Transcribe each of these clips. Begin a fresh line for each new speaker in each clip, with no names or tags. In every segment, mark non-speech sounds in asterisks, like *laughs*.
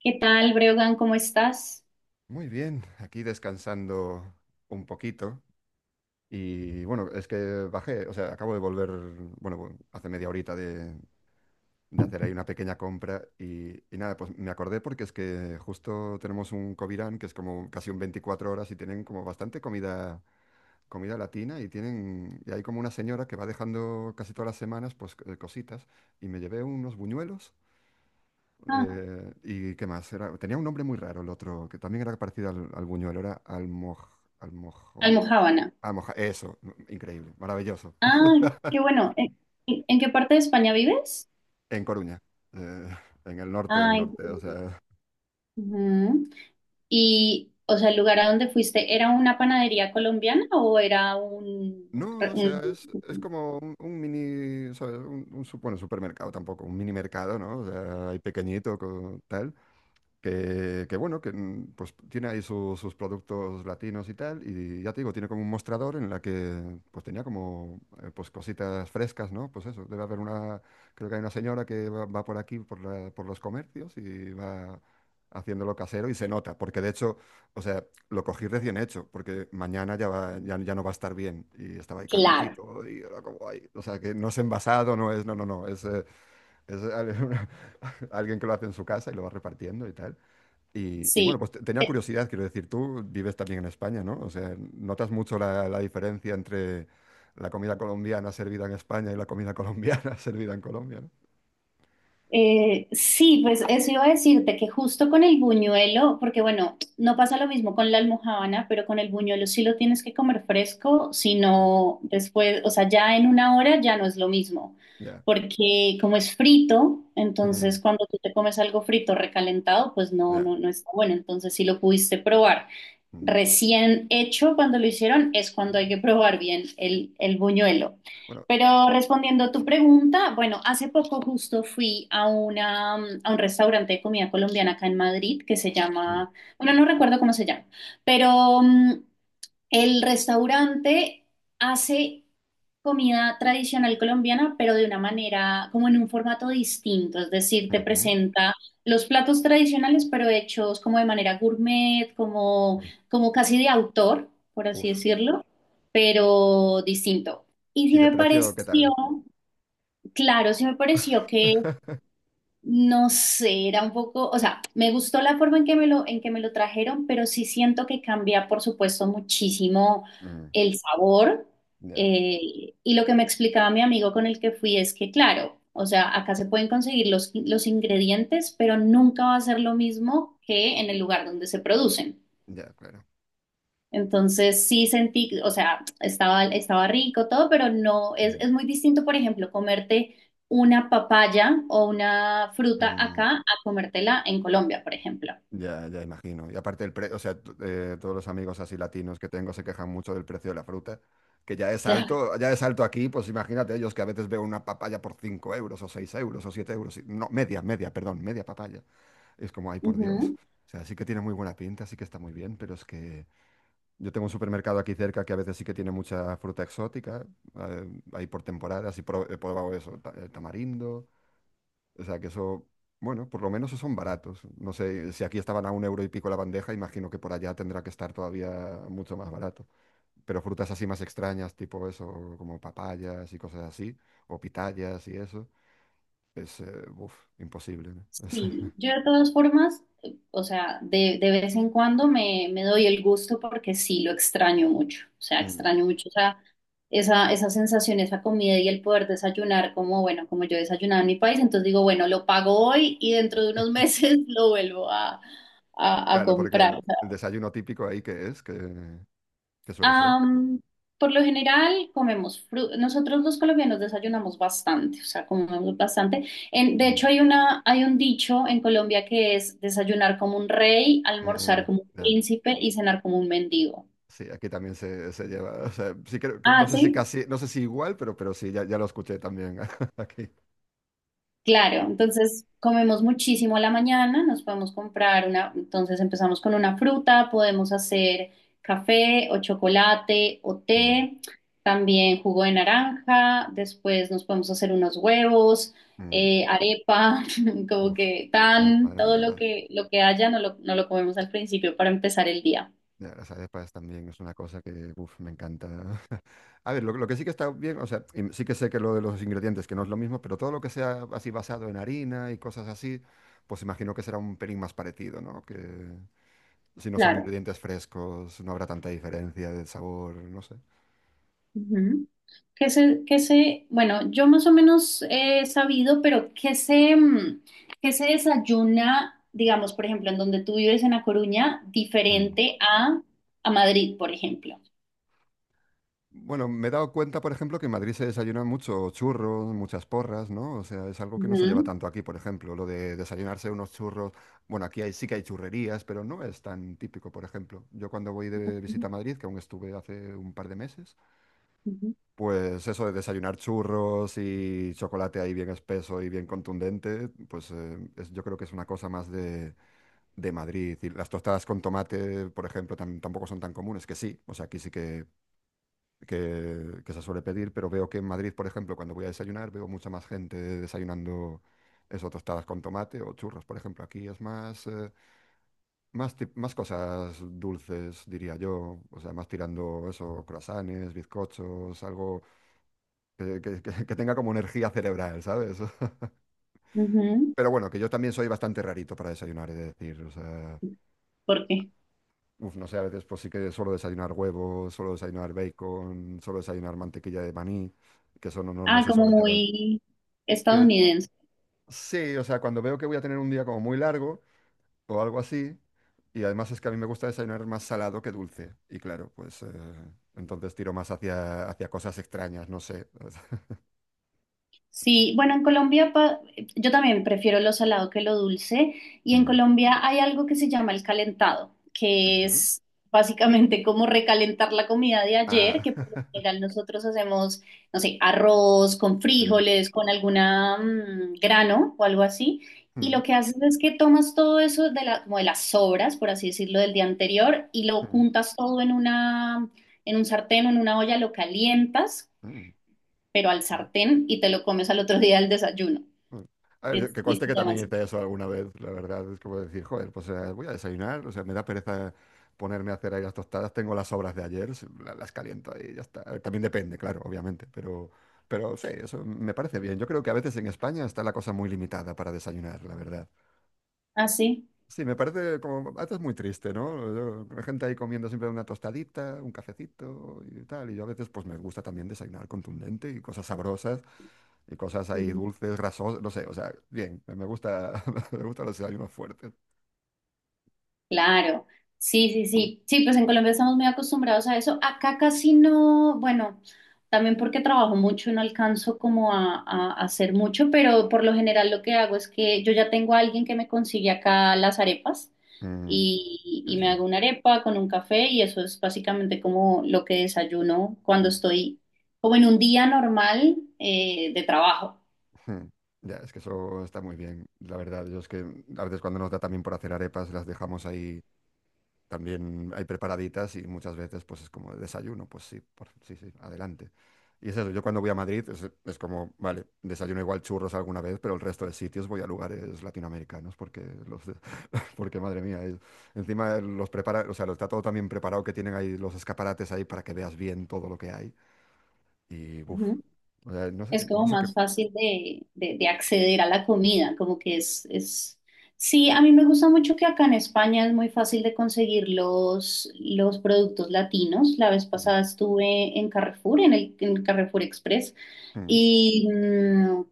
¿Qué tal, Breogán? ¿Cómo estás?
Muy bien, aquí descansando un poquito. Y bueno, es que bajé, o sea, acabo de volver, bueno, hace media horita de hacer ahí una pequeña compra y nada, pues me acordé porque es que justo tenemos un Covirán que es como casi un 24 horas y tienen como bastante comida, comida latina y tienen, y hay como una señora que va dejando casi todas las semanas, pues cositas y me llevé unos buñuelos.
Ah,
¿Y qué más? Tenía un nombre muy raro el otro, que también era parecido al Buñuel. Era Almoj, Almojo,
almojábana.
Almoja, eso, no, increíble, maravilloso.
Ah, qué bueno. ¿En qué parte de España vives?
En Coruña, eh, en el norte del
Ah, en
norte, o
Colombia.
sea...
Ujú. Y, o sea, el lugar a donde fuiste, ¿era una panadería colombiana o era un...
No, o sea, es
Un-
como un mini, ¿sabes? Un bueno, supermercado tampoco, un mini mercado, ¿no? O sea, ahí pequeñito, con, tal. Que bueno, que pues tiene ahí sus productos latinos y tal, y ya te digo, tiene como un mostrador en la que pues tenía como pues cositas frescas, ¿no? Pues eso, debe haber una, creo que hay una señora que va, va por aquí, por por los comercios y va haciéndolo casero y se nota, porque de hecho, o sea, lo cogí recién hecho, porque mañana ya no va a estar bien y estaba ahí
Claro,
calentito y era como ahí, o sea, que no es envasado, no es, no, no, no, es *laughs* alguien que lo hace en su casa y lo va repartiendo y tal. Y bueno,
sí.
pues tenía
Eh,
curiosidad, quiero decir, tú vives también en España, ¿no? O sea, ¿notas mucho la, la diferencia entre la comida colombiana servida en España y la comida colombiana *laughs* servida en Colombia, ¿no?
Sí, pues eso iba a decirte que justo con el buñuelo, porque bueno, no pasa lo mismo con la almojábana, pero con el buñuelo sí lo tienes que comer fresco,
Mm.
sino después, o sea, ya en una hora ya no es lo mismo,
Ya.
porque como es frito,
Mm,
entonces cuando tú te comes algo frito recalentado, pues no,
ya.
no, no está bueno, entonces sí lo pudiste probar
Mm,
recién hecho. Cuando lo hicieron, es cuando hay
sí.
que probar bien el buñuelo.
Bueno,
Pero respondiendo a tu pregunta, bueno, hace poco justo fui a, una, a un restaurante de comida colombiana acá en Madrid que se
mm,
llama, bueno, no recuerdo cómo se llama, pero el restaurante hace comida tradicional colombiana, pero de una manera, como en un formato distinto, es decir, te
ujú.
presenta los platos tradicionales, pero hechos como de manera gourmet, como,
Uy,
como casi de autor, por así
uf.
decirlo, pero distinto. Y
¿Y
sí
de
me
precio qué
pareció,
tal?
claro, sí me pareció que
*laughs*
no sé, era un poco, o sea, me gustó la forma en que me lo, en que me lo trajeron, pero sí siento que cambia, por supuesto, muchísimo
Mm,
el sabor.
ya,
Eh, y lo que me explicaba mi amigo con el que fui es que, claro, o sea, acá se pueden conseguir los ingredientes, pero nunca va a ser lo mismo que en el lugar donde se producen.
ya, claro.
Entonces sí sentí, o sea, estaba, estaba rico todo, pero no,
Mm.
es muy distinto, por ejemplo, comerte una papaya o una fruta
Mm,
acá a comértela en Colombia, por ejemplo.
ya, ya imagino. Y aparte el precio, o sea, todos los amigos así latinos que tengo se quejan mucho del precio de la fruta, que
Claro.
ya es alto aquí, pues imagínate ellos que a veces veo una papaya por 5 € o 6 € o 7 euros. No, perdón, media papaya. Es como, ay, por Dios. O sea, sí que tiene muy buena pinta, sí que está muy bien, pero es que yo tengo un supermercado aquí cerca que a veces sí que tiene mucha fruta exótica, eh, ahí por temporadas y he probado eso, el tamarindo. O sea que eso, bueno, por lo menos esos son baratos. No sé, si aquí estaban a un euro y pico la bandeja, imagino que por allá tendrá que estar todavía mucho más barato. Pero frutas así más extrañas, tipo eso, como papayas y cosas así, o pitayas y eso, es, uf, imposible, ¿no? *laughs*
Sí, yo de todas formas, o sea, de vez en cuando me doy el gusto porque sí lo extraño mucho, o sea,
Es, mm.
extraño mucho, o sea, esa sensación, esa comida y el poder desayunar como, bueno, como yo desayunaba en mi país, entonces digo, bueno, lo pago hoy y dentro de unos meses *laughs* lo vuelvo a
Claro, porque el
comprar.
el desayuno típico ahí que es, que suele ser.
Am, por lo general comemos fruta. Nosotros los colombianos desayunamos bastante, o sea, comemos bastante. En- de hecho,
Mm.
hay una, hay un dicho en Colombia que es desayunar como un rey, almorzar
Mm,
como un
ya.
príncipe y cenar como un mendigo.
Sí, aquí también se lleva. O sea, sí creo que no
Ah,
sé si
sí.
casi, no sé si igual, pero sí, ya lo escuché también *laughs* aquí.
Claro, entonces comemos muchísimo a la mañana, nos podemos comprar una, entonces empezamos con una fruta, podemos hacer café o chocolate o
Mm,
té, también jugo de naranja, después nos podemos hacer unos huevos,
mm.
arepa, *laughs* como
Uf,
que
ay,
tan,
madre
todo
mía,
lo que haya, no lo, no lo comemos al principio para empezar el día.
las arepas también es una cosa que, uf, me encanta. *laughs* A ver, lo que sí que está bien, o sea, y sí que sé que lo de los ingredientes, que no es lo mismo, pero todo lo que sea así basado en harina y cosas así, pues imagino que será un pelín más parecido, ¿no? Que si no son
Claro.
ingredientes frescos, no habrá tanta diferencia de sabor, no sé.
Ujú. Que se, bueno, yo más o menos he sabido, pero que se, que se desayuna, digamos, por ejemplo, en donde tú vives en La Coruña,
Mm.
diferente a Madrid, por ejemplo.
Bueno, me he dado cuenta, por ejemplo, que en Madrid se desayunan mucho churros, muchas porras, ¿no? O sea, es algo que no se lleva
Ujú,
tanto aquí, por ejemplo, lo de desayunarse unos churros. Bueno, aquí hay, sí que hay churrerías, pero no es tan típico, por ejemplo. Yo cuando voy de visita a Madrid, que aún estuve hace un par de meses,
ujú,
pues eso de desayunar churros y chocolate ahí bien espeso y bien contundente, pues yo creo que es una cosa más de Madrid. Y las tostadas con tomate, por ejemplo, tampoco son tan comunes, que sí, o sea, aquí sí que que se suele pedir, pero veo que en Madrid, por ejemplo, cuando voy a desayunar, veo mucha más gente desayunando eso, tostadas con tomate o churros, por ejemplo. Aquí es más cosas dulces, diría yo, o sea, más tirando eso, croissants, bizcochos, algo que tenga como energía cerebral, ¿sabes? *laughs* Pero bueno, que yo también soy bastante rarito para desayunar, he de decir, o sea...
ujú. ¿Por qué?
Uf, no sé, a veces pues sí que suelo desayunar huevos, suelo desayunar bacon, suelo desayunar mantequilla de maní, que eso no
Ah,
se
como
suele llevar.
muy
Sí.
estadounidense.
Sí, o sea, cuando veo que voy a tener un día como muy largo o algo así, y además es que a mí me gusta desayunar más salado que dulce, y claro, pues entonces tiro más hacia cosas extrañas, no sé. *laughs*
Sí, bueno, en Colombia pa- yo también prefiero lo salado que lo dulce y en
Mm,
Colombia hay algo que se llama el calentado, que
ujú.
es básicamente como recalentar la comida de ayer,
Ah,
que por lo
*laughs*
general nosotros hacemos, no sé, arroz con
sí.
frijoles, con alguna grano o algo así, y
Mm,
lo que haces es que tomas todo eso de la, como de las sobras, por así decirlo, del día anterior y lo
mm,
juntas todo en una, en un sartén o en una olla, lo calientas
mm.
pero al
Mm.
sartén y te lo comes al otro día al desayuno.
Mm. A
Y,
ver,
es-
que
y
conste
se
que
llama
también
así.
hice eso alguna vez, la verdad, es como decir, joder, pues voy a desayunar, o sea, me da pereza ponerme a hacer ahí las tostadas, tengo las sobras de ayer, las caliento ahí y ya está. A ver, también depende, claro, obviamente, pero sí, eso me parece bien. Yo creo que a veces en España está la cosa muy limitada para desayunar, la verdad.
Ah, sí.
Sí, me parece como, esto es muy triste, ¿no? La gente ahí comiendo siempre una tostadita, un cafecito y tal, y yo a veces pues me gusta también desayunar contundente y cosas sabrosas y cosas ahí
Ujú.
dulces, grasosas, no sé, o sea, bien, me gusta, *laughs* me gustan los desayunos fuertes.
Claro. Sí, pues en Colombia estamos muy acostumbrados a eso. Acá casi no, bueno, también porque trabajo mucho y no alcanzo como a hacer mucho, pero por lo general lo que hago es que yo ya tengo a alguien que me consigue acá las arepas
Mm, qué
y me
bien.
hago una arepa con un café y eso es básicamente como lo que desayuno cuando estoy como en un día normal de trabajo.
Mm. Ya, es que eso está muy bien, la verdad. Yo es que a veces cuando nos da también por hacer arepas, las dejamos ahí. También hay preparaditas y muchas veces pues es como de desayuno, pues sí, sí, sí, adelante. Y es eso, yo cuando voy a Madrid es como, vale, desayuno igual churros alguna vez, pero el resto de sitios voy a lugares latinoamericanos porque, *laughs* porque madre mía, encima los prepara, o sea, lo está todo también preparado que tienen ahí los escaparates ahí para que veas bien todo lo que hay. Y, uff,
Ujú.
no sé,
Es
no
como
sé qué...
más fácil de acceder a la comida, como que es... Sí, a mí me gusta mucho que acá en España es muy fácil de conseguir los productos latinos. La vez
Mm,
pasada estuve en Carrefour, en el, en Carrefour Express,
mm.
y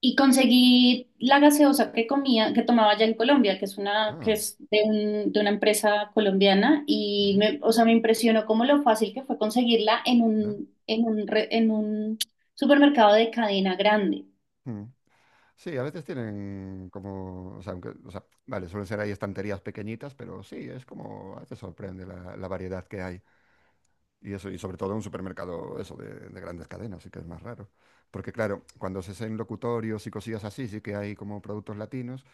y conseguí la gaseosa que comía, que tomaba allá en Colombia, que es una, que
Ah,
es de un- de una empresa colombiana, y
mm,
me, o sea, me impresionó cómo lo fácil que fue conseguirla en un, re- en un supermercado de cadena grande.
¿no? Sí, a veces tienen como, o sea, aunque, o sea, vale, suelen ser ahí estanterías pequeñitas, pero sí, es como, a veces sorprende la variedad que hay. Y eso, y sobre todo en un supermercado, eso, de grandes cadenas, sí que es más raro. Porque claro, cuando se hacen locutorios y cosillas así, sí que hay como productos latinos,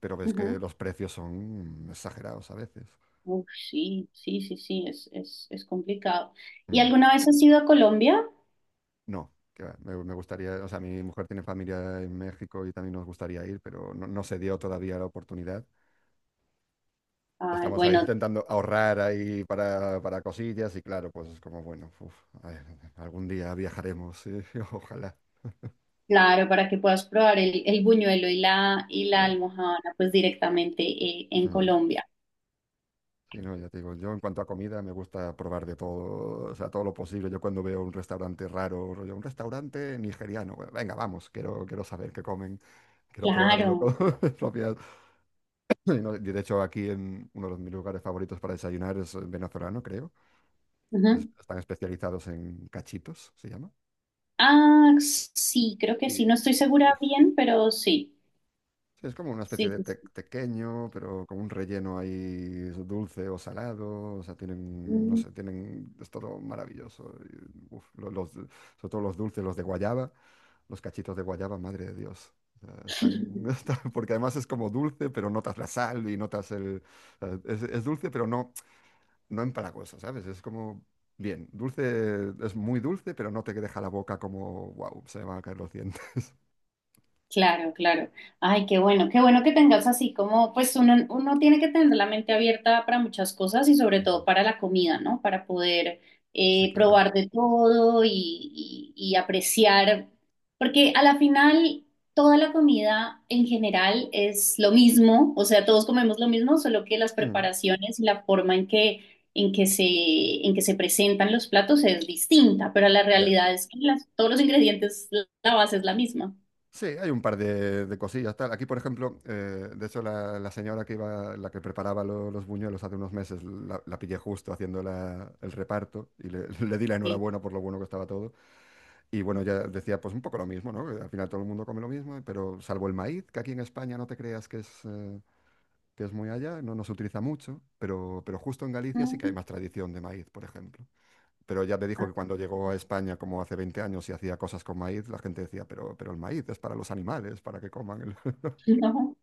pero ves que
Ujú.
los precios son exagerados a veces.
Uf, sí, es complicado. ¿Y
Mm.
alguna vez has ido a Colombia?
No, que va, me gustaría, o sea, mi mujer tiene familia en México y también nos gustaría ir, pero no, no se dio todavía la oportunidad.
Ay,
Estamos ahí
bueno,
intentando ahorrar ahí para cosillas y claro, pues es como, bueno, uf, a ver, algún día viajaremos, sí, *laughs* ojalá.
claro, para que puedas probar el buñuelo y la
Ya.
almojábana, pues directamente en
Mm.
Colombia.
Sí, no, ya te digo, yo en cuanto a comida me, gusta probar de todo, o sea, todo lo posible. Yo cuando veo un restaurante raro, rollo, un restaurante nigeriano, bueno, venga, vamos, quiero, quiero saber qué comen, quiero probarlo con
Claro.
*laughs* mis propias. Y no, y de hecho, aquí en uno de mis lugares favoritos para desayunar es venezolano, creo. Que es-
Ujú.
están especializados en cachitos, se llama.
Ah, sí, creo que sí. No
Y,
estoy segura
uf,
bien, pero sí.
sí, es como una especie
Sí,
de
sí, sí.
tequeño, pero con un relleno ahí dulce o salado. O sea, tienen, no
Mm.
sé, tienen, es todo maravilloso. Y, uf, sobre todo los dulces, los de guayaba, los cachitos de guayaba, madre de Dios. O sea, están, *laughs*
*laughs*
están- porque además es como dulce, pero notas la sal y notas el... o sea, es dulce, pero no, no empalagosa, ¿sabes? Es como, bien, dulce, es muy dulce, pero no te deja la boca como, wow, se me van a caer los dientes. *laughs*
Claro, claro. Ay, qué bueno que tengas así como, pues uno, uno tiene que tener la mente abierta para muchas cosas y sobre todo para la comida, ¿no? Para poder
Sí, claro.
probar de todo y, y apreciar, porque a la final toda la comida en general es lo mismo, o sea, todos comemos lo mismo, solo que las
Mm,
preparaciones y la forma en que se presentan los platos es distinta, pero la
ya.
realidad es que las- todos los ingredientes, la base es la misma.
Sí, hay un par de cosillas, tal. Aquí, por ejemplo, de hecho, la señora que iba, la que preparaba los buñuelos hace unos meses, la pillé justo haciendo el reparto y le, *laughs* le di la
Sí.
enhorabuena por lo bueno que estaba todo. Y bueno, ya decía, pues un poco lo mismo, ¿no? Que al final todo el mundo come lo mismo, pero salvo el maíz, que aquí en España no te creas que es muy allá, no, no se utiliza mucho, pero justo en Galicia sí que hay
Mm.
más tradición de maíz, por ejemplo. Pero ya te dijo
Ah,
que cuando llegó a España, como hace 20 años, y hacía cosas con maíz, la gente decía, pero el maíz es para los animales, para que coman. El-". *laughs*
no.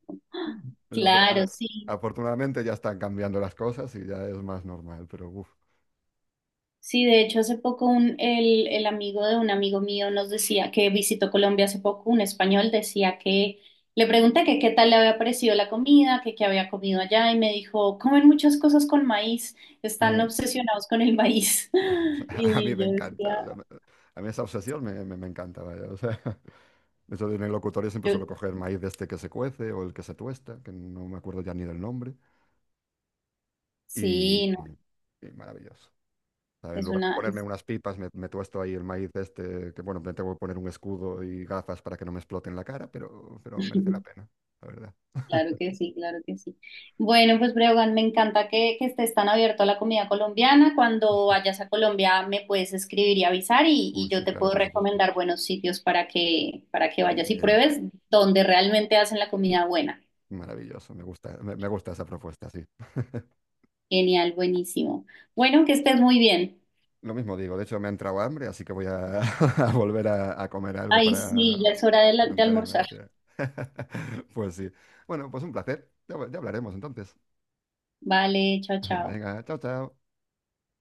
Pero,
Claro, sí.
afortunadamente ya están cambiando las cosas y ya es más normal, pero uf.
Sí, de hecho, hace poco un, el amigo de un amigo mío nos decía que visitó Colombia hace poco, un español decía que le pregunté que qué tal le había parecido la comida, que qué había comido allá y me dijo, comen muchas cosas con maíz, están
Mm.
obsesionados con el maíz.
*laughs* O
*laughs*
sea, a mí
Y
me
yo decía,
encanta, o sea, a mí esa obsesión me encanta, vaya, o sea, *laughs* eso de en el locutorio siempre
yo,
suelo coger maíz de este que se cuece o el que se tuesta, que no me acuerdo ya ni del nombre, y,
sí, no,
y maravilloso. En
es
lugar de
una...
ponerme unas pipas, me tuesto ahí el maíz este, que bueno, me tengo que poner un escudo y gafas para que no me exploten la cara, pero merece la
*laughs*
pena, la verdad.
Claro que sí, claro que sí. Bueno, pues Breogán, me encanta que estés tan abierto a la comida colombiana. Cuando vayas a Colombia me puedes escribir y avisar y
Uy,
yo
sí,
te
claro,
puedo
por supuesto.
recomendar buenos sitios para que
Bien,
vayas y
bien,
pruebes donde realmente hacen la comida buena.
maravilloso, me gusta, me gusta esa propuesta, sí. *laughs*
Genial, buenísimo. Bueno, que estés muy bien.
Lo mismo digo, de hecho me ha entrado hambre, así que voy a, *laughs* a volver a comer algo
Ay,
para
sí, ya es hora de la- de
mantenerme a la
almorzar.
pie. *laughs* Pues sí. Bueno, pues un placer. Ya hablaremos entonces.
Vale, chao,
*laughs*
chao.
Venga, chao, chao.